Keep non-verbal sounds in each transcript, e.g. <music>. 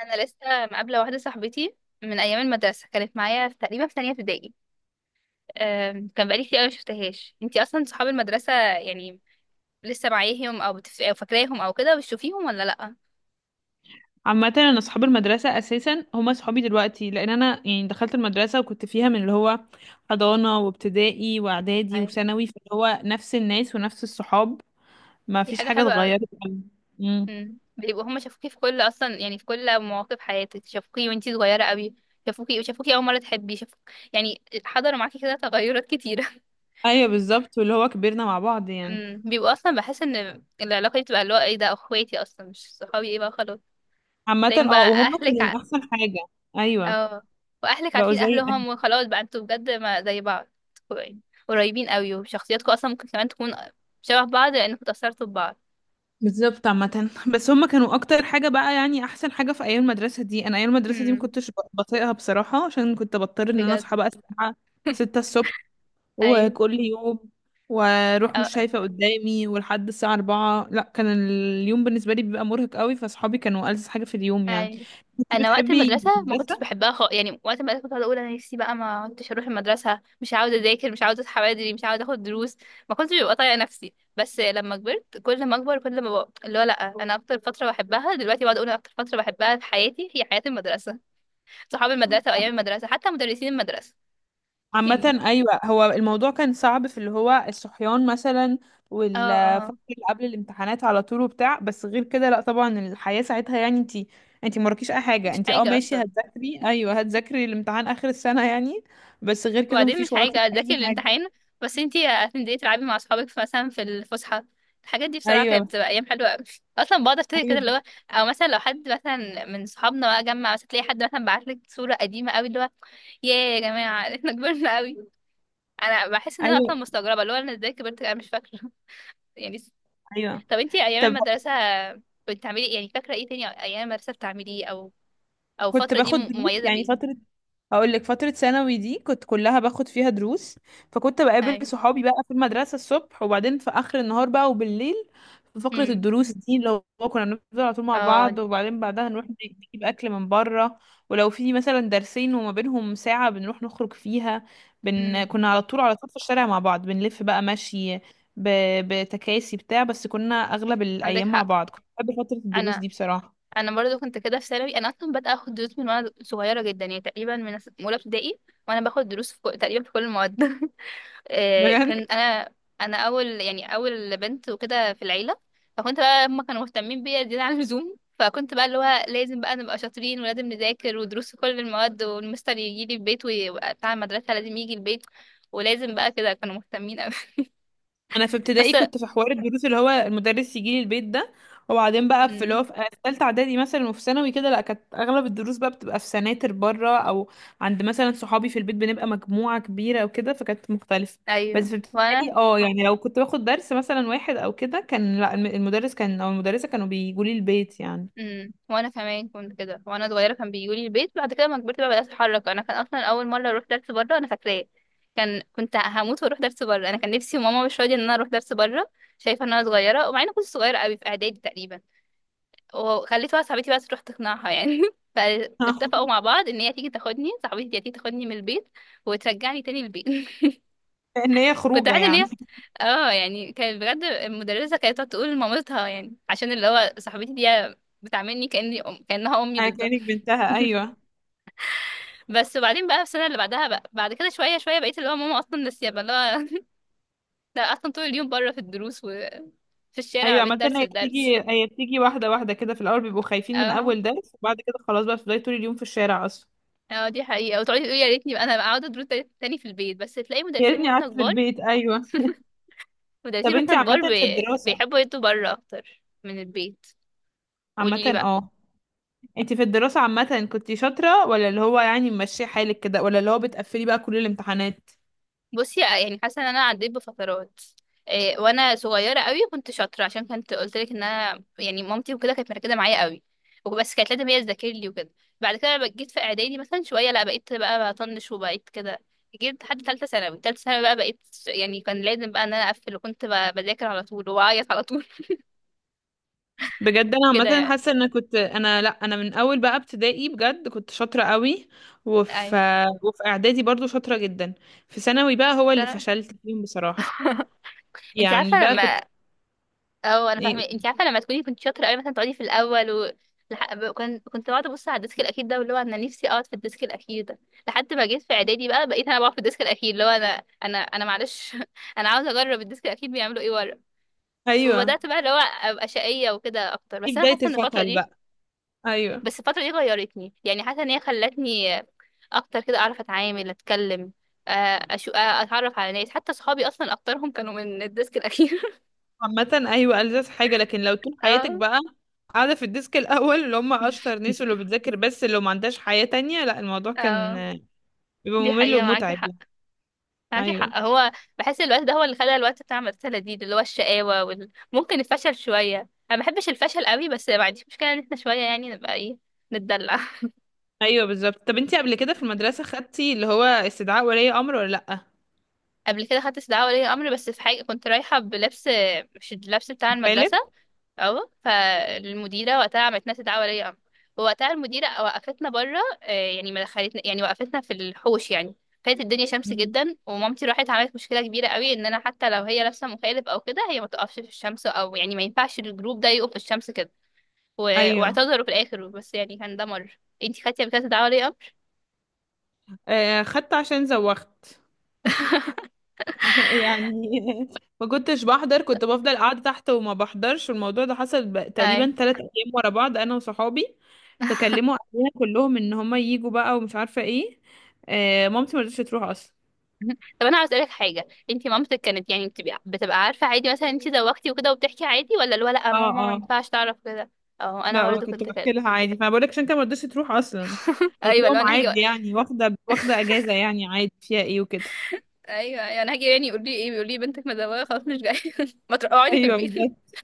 انا لسه مقابله واحده صاحبتي من ايام المدرسه، كانت معايا في تقريبا في تانية ابتدائي. كان بقالي كتير قوي ما شفتهاش. انتي اصلا صحاب المدرسه يعني لسه معاهم او او فاكراهم او كده، بتشوفيهم ولا لا؟ عامة انا اصحاب المدرسة اساسا هما صحابي دلوقتي، لان انا يعني دخلت المدرسة وكنت فيها من اللي هو حضانة وابتدائي واعدادي أي. وثانوي، فاللي هو نفس الناس ونفس الصحاب. ما دي فيش حاجه حاجة حلوه قوي. اتغيرت. امم. امم، بيبقوا هما شافوكي في كل، اصلا يعني في كل مواقف حياتك شافوكي وانتي صغيره قوي. شافوكي اول مره تحبي شافوك، يعني حضروا معاكي كده تغيرات كتيره. ايوه بالظبط، واللي هو كبرنا مع بعض <laughs> يعني. امم، بيبقوا اصلا، بحس ان العلاقه دي بتبقى اللي هو ايه ده، اخواتي اصلا مش صحابي، ايه بقى خلاص عامة تلاقيهم اه، بقى وهم اهلك. كانوا احسن حاجة. ايوه، اه، واهلك بقوا عارفين زي اهل. اهلهم وخلاص بقى انتوا بجد ما زي بعض، يعني قريبين قوي، وشخصياتكم اصلا ممكن كمان تكون شبه بعض لانكم اتأثرتوا ببعض. بالظبط. عامة بس هم كانوا اكتر حاجة بقى، يعني احسن حاجة في ايام المدرسة دي. انا ايام المدرسة دي ما امم. كنتش بطيقها بصراحة، عشان كنت بضطر ان انا بجد. اصحى بقى الساعة 6 الصبح، ايوه. وكل يوم واروح مش أه. شايفة قدامي، ولحد الساعة 4. لا، كان اليوم بالنسبة لي بيبقى مرهق قوي، فصحابي كانوا ألذ حاجة في اليوم يعني. ايوه، كنت انا وقت بتحبي المدرسه ما المدرسة؟ كنتش بحبها خالص، يعني وقت المدرسه كنت قاعده اقول انا نفسي بقى ما كنتش اروح المدرسه، مش عاوزه اذاكر، مش عاوزه اصحى بدري، مش عاوزه اخد دروس، ما كنتش ببقى طايقه نفسي. بس لما كبرت، كل ما اكبر كل ما بقى اللي هو لا، انا اكتر فتره بحبها دلوقتي، بقعد اقول انا اكتر فتره بحبها في حياتي هي حياه المدرسه، صحاب المدرسة وأيام المدرسة حتى مدرسين المدرسة، يعني. عامة أيوة، هو الموضوع كان صعب في اللي هو الصحيان مثلا، اه، والفترة اه. اللي قبل الامتحانات على طول وبتاع، بس غير كده لا طبعا الحياة ساعتها، يعني انتي مراكيش أي حاجة، مش انتي اه حاجة ماشي أصلا، هتذاكري، أيوة هتذاكري الامتحان آخر السنة يعني، بس غير كده وبعدين مش مفيش وراكي حاجة أذاكر أي حاجة. الامتحان، بس انتي هتنزلي تلعبي مع صحابك مثلا في الفسحة. الحاجات دي بصراحة كانت أيوة. بتبقى أيام حلوة أوي، أصلا بقعد أفتكر كده اللي أيوة. هو، أو مثلا لو حد مثلا من صحابنا بقى جمع، مثلا تلاقي حد مثلا بعتلك صورة قديمة أوي اللي هو ياه يا جماعة. <laughs> احنا كبرنا أوي. أنا بحس إن أنا أصلا أيوة. مستغربة اللي هو أنا ازاي كبرت، أنا مش فاكرة. <laughs> يعني. أيوة. طب انتي أيام طب المدرسة بتعملي، يعني فاكرة ايه تاني أيام المدرسة بتعمليه، أو او كنت الفتره دي باخد دروس مميزه يعني بايه؟ فترة. هقول لك فترة ثانوي دي كنت كلها باخد فيها دروس، فكنت بقابل اي. صحابي بقى في المدرسة الصبح، وبعدين في آخر النهار بقى وبالليل في فقرة امم. الدروس دي. اللي هو كنا بنفضل على طول مع اه. بعض، وبعدين بعدها نروح نجيب أكل من بره، ولو في مثلا درسين وما بينهم ساعة بنروح نخرج فيها. امم. كنا على طول على طول في الشارع مع بعض، بنلف بقى مشي، ب... بتكاسي بتاع. بس كنا أغلب عندك الأيام مع حق. بعض، كنت بحب فترة الدروس انا، دي بصراحة. انا برضو كنت كده في ثانوي. انا اصلا بدأت اخد دروس من وانا صغيره جدا، يعني تقريبا من اولى ابتدائي، وانا باخد دروس تقريبا في كل المواد. <laughs> كان بجد. انا، انا اول يعني اول بنت وكده في العيله، فكنت بقى هما كانوا مهتمين بيا زياده عن اللزوم، فكنت بقى اللي هو لازم بقى نبقى شاطرين، ولازم نذاكر، ودروس في كل المواد، والمستر يجي لي البيت وبتاع، المدرسه لازم يجي البيت، ولازم بقى كده كانوا مهتمين قوي. انا في <laughs> ابتدائي بس. كنت في حوار الدروس اللي هو المدرس يجي لي البيت ده، وبعدين بقى في اللي هو في ثالثه اعدادي مثلا وفي ثانوي كده، لا كانت اغلب الدروس بقى بتبقى في سناتر بره، او عند مثلا صحابي في البيت بنبقى مجموعه كبيره وكده، فكانت مختلفه. بس ايوه في ابتدائي وانا. اه، يعني لو كنت باخد درس مثلا واحد او كده، كان لا المدرس كان او المدرسه كانوا بيجوا لي البيت يعني. امم، وانا كمان كنت كده وانا صغيره، كان بيجولي البيت. بعد كده لما كبرت بقى بدات اتحرك انا. كان اصلا اول مره اروح درس بره انا فاكراه. كان كنت هموت واروح درس بره، انا كان نفسي وماما مش راضيه ان انا اروح درس بره، شايفه ان انا صغيره. ومع اني كنت صغيره قوي، في اعدادي تقريبا، وخليت واحده صاحبتي بقى تروح تقنعها يعني. <laughs> فاتفقوا <laughs> مع بعض ان هي تيجي تاخدني، صاحبتي دي هتيجي تاخدني من البيت وترجعني تاني البيت. <laughs> ان هي كنت خروجه عارفه ان يعني. هي، اه يعني، كانت بجد المدرسه كانت تقعد تقول لمامتها يعني، عشان اللي هو صاحبتي دي بتعاملني كانها امي <laughs> بالظبط. كانك بنتها، ايوه، بس وبعدين بقى في السنه اللي بعدها بقى، بعد كده شويه شويه بقيت اللي هو، ماما اصلا ناسيه بقى اللي هو. <laughs> لا، اصلا طول اليوم بره في الدروس، وفي الشارع ايوه. ما بين عامة درس هي لدرس. بتيجي، هي بتيجي واحدة واحدة كده. في الأول بيبقوا خايفين من اه. أول درس، وبعد كده خلاص بقى بتفضلي طول اليوم في الشارع أصلا. اه، دي حقيقه. وتقعدي تقولي يا ريتني بقى انا بقى اقعد ادروس تاني في البيت، بس تلاقي يا مدرسين ريتني واحنا قعدت في كبار، البيت، أيوه. <laughs> طب مدرسين واحنا انتي عامة كبار في بي... الدراسة. بيحبوا يدوا بره اكتر من البيت. عامة قولي لي بقى. اه، انتي في الدراسة عامة كنتي شاطرة، ولا اللي هو يعني ماشية حالك كده، ولا اللي هو بتقفلي بقى كل الامتحانات؟ بصي يعني حاسه ان انا عديت بفترات. إيه وانا صغيره قوي كنت شاطره، عشان كنت قلت لك ان انا يعني مامتي وكده كانت مركزه معايا قوي، وبس كانت لازم هي تذاكر لي وكده. بعد كده لما جيت في اعدادي مثلا شويه، لا بقيت بقى بطنش وبقيت كده. جيت لحد ثالثه ثانوي، ثالثه ثانوي بقى بقيت يعني كان لازم بقى ان انا اقفل، وكنت بذاكر على طول واعيط على طول. بجد. انا <laughs> كده عامة يعني. حاسة ان كنت انا، لا انا من اول بقى ابتدائي بجد كنت شاطرة قوي، وفي اي. وفي اعدادي برضو شاطرة جدا. في ثانوي بقى هو اللي فشلت فيهم بصراحة، <laughs> انت يعني عارفه بقى كنت لما، اه انا فاهمه، ايه. انت عارفه لما تكوني كنت شاطره قوي، مثلا تقعدي في الاول و... لح... ب- كنت كنت بقعد ابص على الديسك الاخير ده، واللي هو انا نفسي اقعد في الديسك الاخير ده، لحد ما جيت في اعدادي بقى بقيت انا بقعد في الديسك الاخير، اللي هو انا، انا معلش. <laughs> انا عاوزه اجرب الديسك الاخير بيعملوا ايه ورا، ايوه، وبدات بقى اللي هو ابقى شقيه وكده اكتر. دي بس انا بداية حاسه ان الفتره الفشل دي، بقى. ايوه. بس الفتره دي غيرتني يعني، حاسه ان هي خلتني اكتر كده اعرف اتعامل اتكلم، آه، أشو... آه، اتعرف على ناس، حتى صحابي اصلا اكترهم كانوا من الديسك الاخير. عامة ايوه، ألذ حاجة، لكن لو طول <laughs> حياتك اه. بقى قاعدة في الديسك الأول اللي هم أشطر ناس واللي بتذاكر بس اللي ما عندهاش حياة تانية، لا الموضوع كان اه، بيبقى دي ممل حقيقه. معاكي ومتعب حق، يعني. معاكي أيوه. حق. هو بحس الوقت ده هو اللي خلى الوقت بتاع المدرسة لذيذ، اللي هو الشقاوة ممكن الفشل شوية. أنا ما بحبش الفشل قوي، بس ما عنديش مشكلة إن احنا شوية يعني نبقى إيه، نتدلع. أيوه بالظبط. طب انتي قبل كده في المدرسة خدتي اللي هو استدعاء ولي أمر ولا لأ؟ <laughs> قبل كده خدت استدعاء ولي أمر، بس في حاجة كنت رايحة بلبس مش اللبس بتاع المدرسة. غالب؟ اه، فالمديره وقتها عملت لنا استدعاء ولي امر، ووقتها المديره وقفتنا بره، يعني ما دخلتنا، يعني وقفتنا في الحوش يعني، كانت الدنيا شمس مم. جدا. ومامتي راحت عملت مشكله كبيره قوي ان انا حتى لو هي لابسه مخالب او كده، هي ما تقفش في الشمس، او يعني ما ينفعش الجروب ده يقف في الشمس كده. و- أيوه. واعتذروا في الاخر، بس يعني كان ده مر. انتي خدتي قبل كده استدعاء ولي امر؟ آه خدت عشان زوغت. <laughs> يعني ما كنتش بحضر، كنت بفضل قاعدة تحت وما بحضرش، والموضوع ده حصل اي. تقريبا 3 <laughs> أيام ورا بعض أنا وصحابي، <laughs> فكلموا أهلنا كلهم إن هما ييجوا بقى ومش عارفة إيه. آه مامتي ما رضتش تروح أصلا. طب انا عاوز اسالك حاجه، انت مامتك كانت يعني بتبقى عارفه عادي مثلا انت زوجتي وكده وبتحكي عادي، ولا اللي هو لا اه. ماما ما اه. ينفعش تعرف كده؟ اه، انا لا برضو كنت كنت بحكي كده. لها عادي، فأنا بقول لك عشان أنت ما رضتش تروح أصلا. <laughs> قالت ايوه لو لهم انا هاجي، عادي يعني، واخدة واخدة أجازة يعني، عادي فيها إيه وكده. ايوه ايوه انا هاجي، يعني يقول لي ايه، بيقول لي بنتك مزوقه خلاص مش جايه. <laughs> ما تروحي اقعدي في أيوه البيت. بالظبط.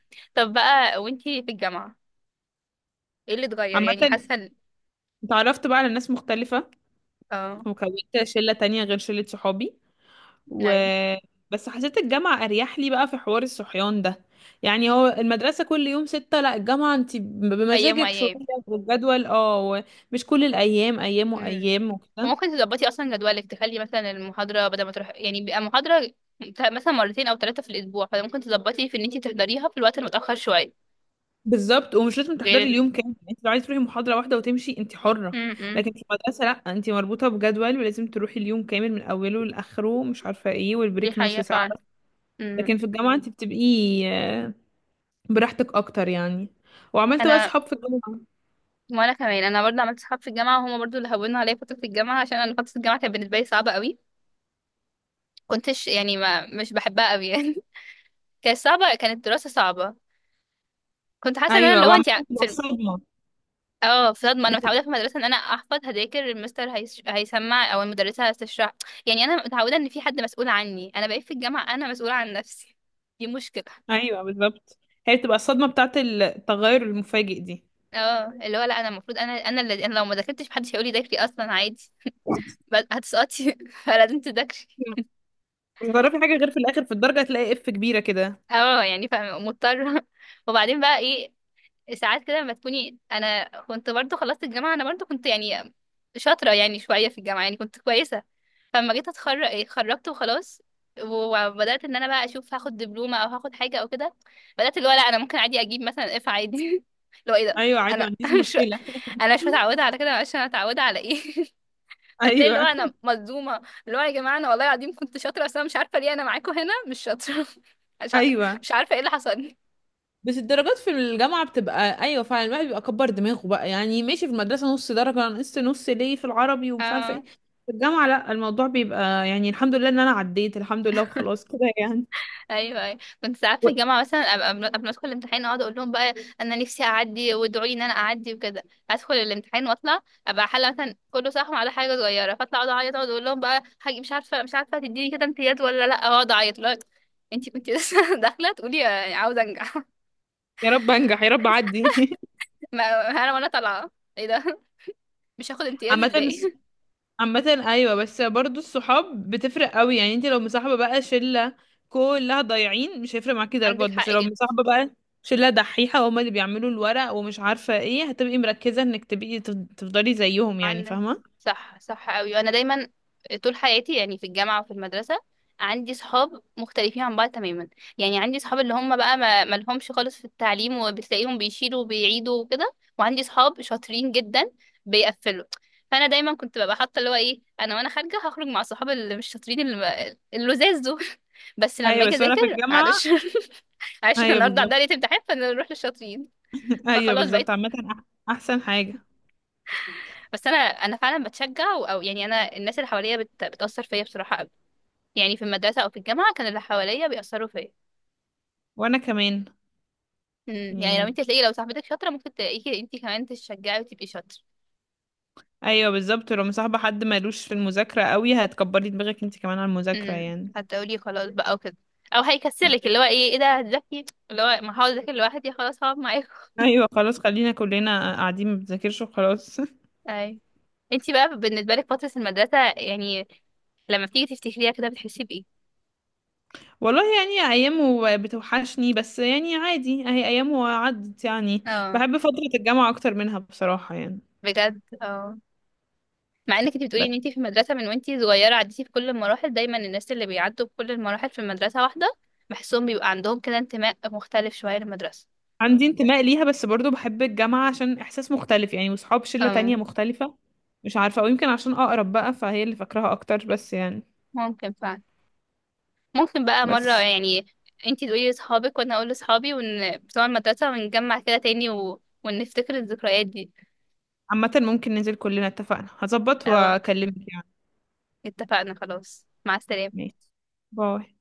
<laughs> طب بقى، وانتي في الجامعه ايه اللي اتغير؟ عامة يعني حاسه ال-، اتعرفت بقى على ناس مختلفة، اه. وكونت شلة تانية غير شلة صحابي. و نعم. بس حسيت الجامعة أريح لي بقى في حوار الصحيان ده. يعني هو المدرسة كل يوم 6، لا الجامعة انت ايام بمزاجك شوية، وايام. والجدول مش كل الأيام، أيام امم. وأيام وكده. وممكن تظبطي اصلا جدولك، تخلي مثلا المحاضره، بدل ما تروح يعني بيبقى محاضره مثلا مرتين او ثلاثه في الاسبوع، فممكن تظبطي في ان انتي تحضريها في الوقت المتاخر شويه. بالظبط، ومش لازم غير تحضري ال... اليوم كامل يعني، انت لو عايزة تروحي محاضرة واحدة وتمشي انت حرة. م-م. لكن في المدرسة لا، انت مربوطة بجدول ولازم تروحي اليوم كامل من أوله لآخره، مش عارفة ايه، دي والبريك نص حقيقة ساعة فعلا. بس. م. لكن في الجامعة انت بتبقي آه، براحتك أكتر يعني. وعملت بقى انا، صحاب في الجامعة. وانا كمان انا برضه عملت صحاب في الجامعة، وهما برضه اللي هونوا عليا فترة الجامعة، عشان انا فترة الجامعة كانت بالنسبة لي صعبة قوي. كنتش يعني ما مش بحبها قوي يعني. <laughs> كانت صعبة، كانت الدراسة صعبة. كنت حاسة ان انا اللي أيوة. هو انت وعملت في بقى الم- صدمة. اه، في صدمة. انا متعودة في المدرسة ان انا احفظ هذاكر، المستر هيسمع او المدرسة هتشرح، يعني انا متعودة ان في حد مسؤول عني، انا بقيت في الجامعة انا مسؤولة عن نفسي، دي مشكلة. ايوه بالظبط، هي بتبقى الصدمه بتاعت التغير المفاجئ دي. اه، اللي هو لا انا المفروض، انا لو ما ذاكرتش محدش هيقولي ذاكري اصلا عادي، بس هتسقطي. <laughs> فلازم تذاكري. لما تعرفي حاجه غير في الاخر في الدرجه هتلاقي اف كبيره كده. اه يعني فاهمة مضطرة. <laughs> وبعدين بقى ايه، ساعات كده لما تكوني، انا كنت برضو خلصت الجامعة، انا برضو كنت يعني شاطرة، يعني شوية في الجامعة يعني كنت كويسة، فلما جيت اتخرج ايه اتخرجت وخلاص. وبدأت ان انا بقى اشوف هاخد دبلومة او هاخد حاجة او كده. بدأت اللي هو، لا انا ممكن عادي اجيب مثلا اف عادي. <laughs> اللي هو ايه ده، ايوه عادي، ما انا عنديش <laughs> مش، مشكله. انا مش <laughs> متعودة على كده، معلش انا متعودة على ايه. <laughs> فتلاقي اللي هو ايوه، انا مصدومه، اللي هو يا جماعه انا والله العظيم كنت شاطره، بس انا مش عارفه ليه انا معاكم هنا مش شاطره. <laughs> مش ع- ايوه. مش عارفه ايه اللي حصل. بس الدرجات في الجامعه بتبقى، ايوه فعلا الواحد بيبقى كبر دماغه بقى. يعني ماشي في المدرسه نص درجه انا نقصت نص ليه في العربي ومش عارفه اه. ايه. في الجامعه لا، الموضوع بيبقى يعني الحمد لله ان انا عديت، الحمد لله وخلاص كده يعني. ايوه، ايوه كنت ساعات في و- الجامعه مثلا أبقى قبل ما ادخل الامتحان اقعد اقول لهم بقى انا نفسي اعدي، وادعوا لي ان انا اعدي وكده. ادخل الامتحان واطلع، ابقى حاله مثلا كله صح على حاجه صغيره، فاطلع اقعد اعيط، اقعد اقول لهم بقى حاجه، مش عارفه تديني كده امتياز ولا لا، اقعد اعيط لا انتي كنتي لسه <laughs> داخله تقولي عاوزه انجح. يا رب انجح، يا رب اعدي. <laughs> ما انا وانا طالعه ايه ده، مش هاخد <laughs> امتياز عامه ازاي؟ عامة ايوه، بس برضو الصحاب بتفرق قوي. يعني انت لو مصاحبة بقى شلة كلها ضايعين مش هيفرق معاكي عندك درجات، حق بس لو جدا، مصاحبة بقى شلة دحيحة هما اللي بيعملوا الورق ومش عارفة ايه، هتبقي مركزة انك تبقي تفضلي زيهم يعني، عندك، فاهمة. صح صح قوي. وانا دايما طول حياتي يعني، في الجامعه وفي المدرسه، عندي صحاب مختلفين عن بعض تماما، يعني عندي صحاب اللي هم بقى ما لهمش خالص في التعليم، وبتلاقيهم بيشيلوا وبيعيدوا وكده، وعندي صحاب شاطرين جدا بيقفلوا. فانا دايما كنت ببقى حاطه اللي هو ايه، انا وانا خارجه هخرج مع صحاب اللي مش شاطرين اللي اللزاز دول. <laughs> بس لما ايوه. اجي بس وانا اذاكر في الجامعة، معلش. <laughs> معلش احنا ايوه النهارده عندنا بالظبط. ليله امتحان فنروح للشاطرين. <laughs> ايوه فخلاص بالظبط. بقيت. عامة احسن حاجة. بس انا فعلا بتشجع او يعني، انا الناس اللي حواليا بتاثر فيا بصراحه قوي، يعني في المدرسه او في الجامعه كان اللي حواليا بيأثروا فيا. وانا كمان امم، يعني لو يعني، انت تلاقي لو صاحبتك شاطره ممكن تلاقيكي انت كمان تشجعي وتبقي شاطره. ايوه بالظبط، لو مصاحبة حد مالوش في المذاكرة قوي هتكبري دماغك انت كمان على المذاكرة امم، يعني. هتقولي خلاص بقى وكده، او هيكسلك اللي هو ايه ايه ده هتذاكري، اللي هو ما هقعد اذاكر لوحدي خلاص هقعد معاكم. ايوه خلاص، خلينا كلنا قاعدين ما بنذاكرش وخلاص. اي. انت بقى بالنسبه لك فتره المدرسه، يعني لما بتيجي تفتكريها كده بتحسي بايه؟ والله يعني ايامه بتوحشني، بس يعني عادي، اهي ايامه عدت يعني. اه. بحب فترة الجامعة اكتر منها بصراحة يعني. بجد اه. مع انك انت بتقولي بس ان انت في المدرسه من وانت صغيره عديتي في كل المراحل، دايما الناس اللي بيعدوا بكل المراحل في المدرسه واحده، بحسهم بيبقى عندهم كده انتماء مختلف شويه للمدرسه. عندي انتماء ليها، بس برضو بحب الجامعة عشان احساس مختلف يعني، وصحاب شلة تانية أم. مختلفة. مش عارفة، او يمكن عشان اقرب بقى فهي اللي فاكراها اكتر بس يعني. ممكن فعلا. ممكن بقى مره بس يعني انت تقولي لاصحابك وانا اقول لاصحابي ون بتوع المدرسه، ونجمع كده تاني و... ونفتكر الذكريات دي. عامة ممكن ننزل كلنا، اتفقنا، هظبط او، واكلمك يعني. اتفقنا خلاص، مع السلامه. ماشي. باي.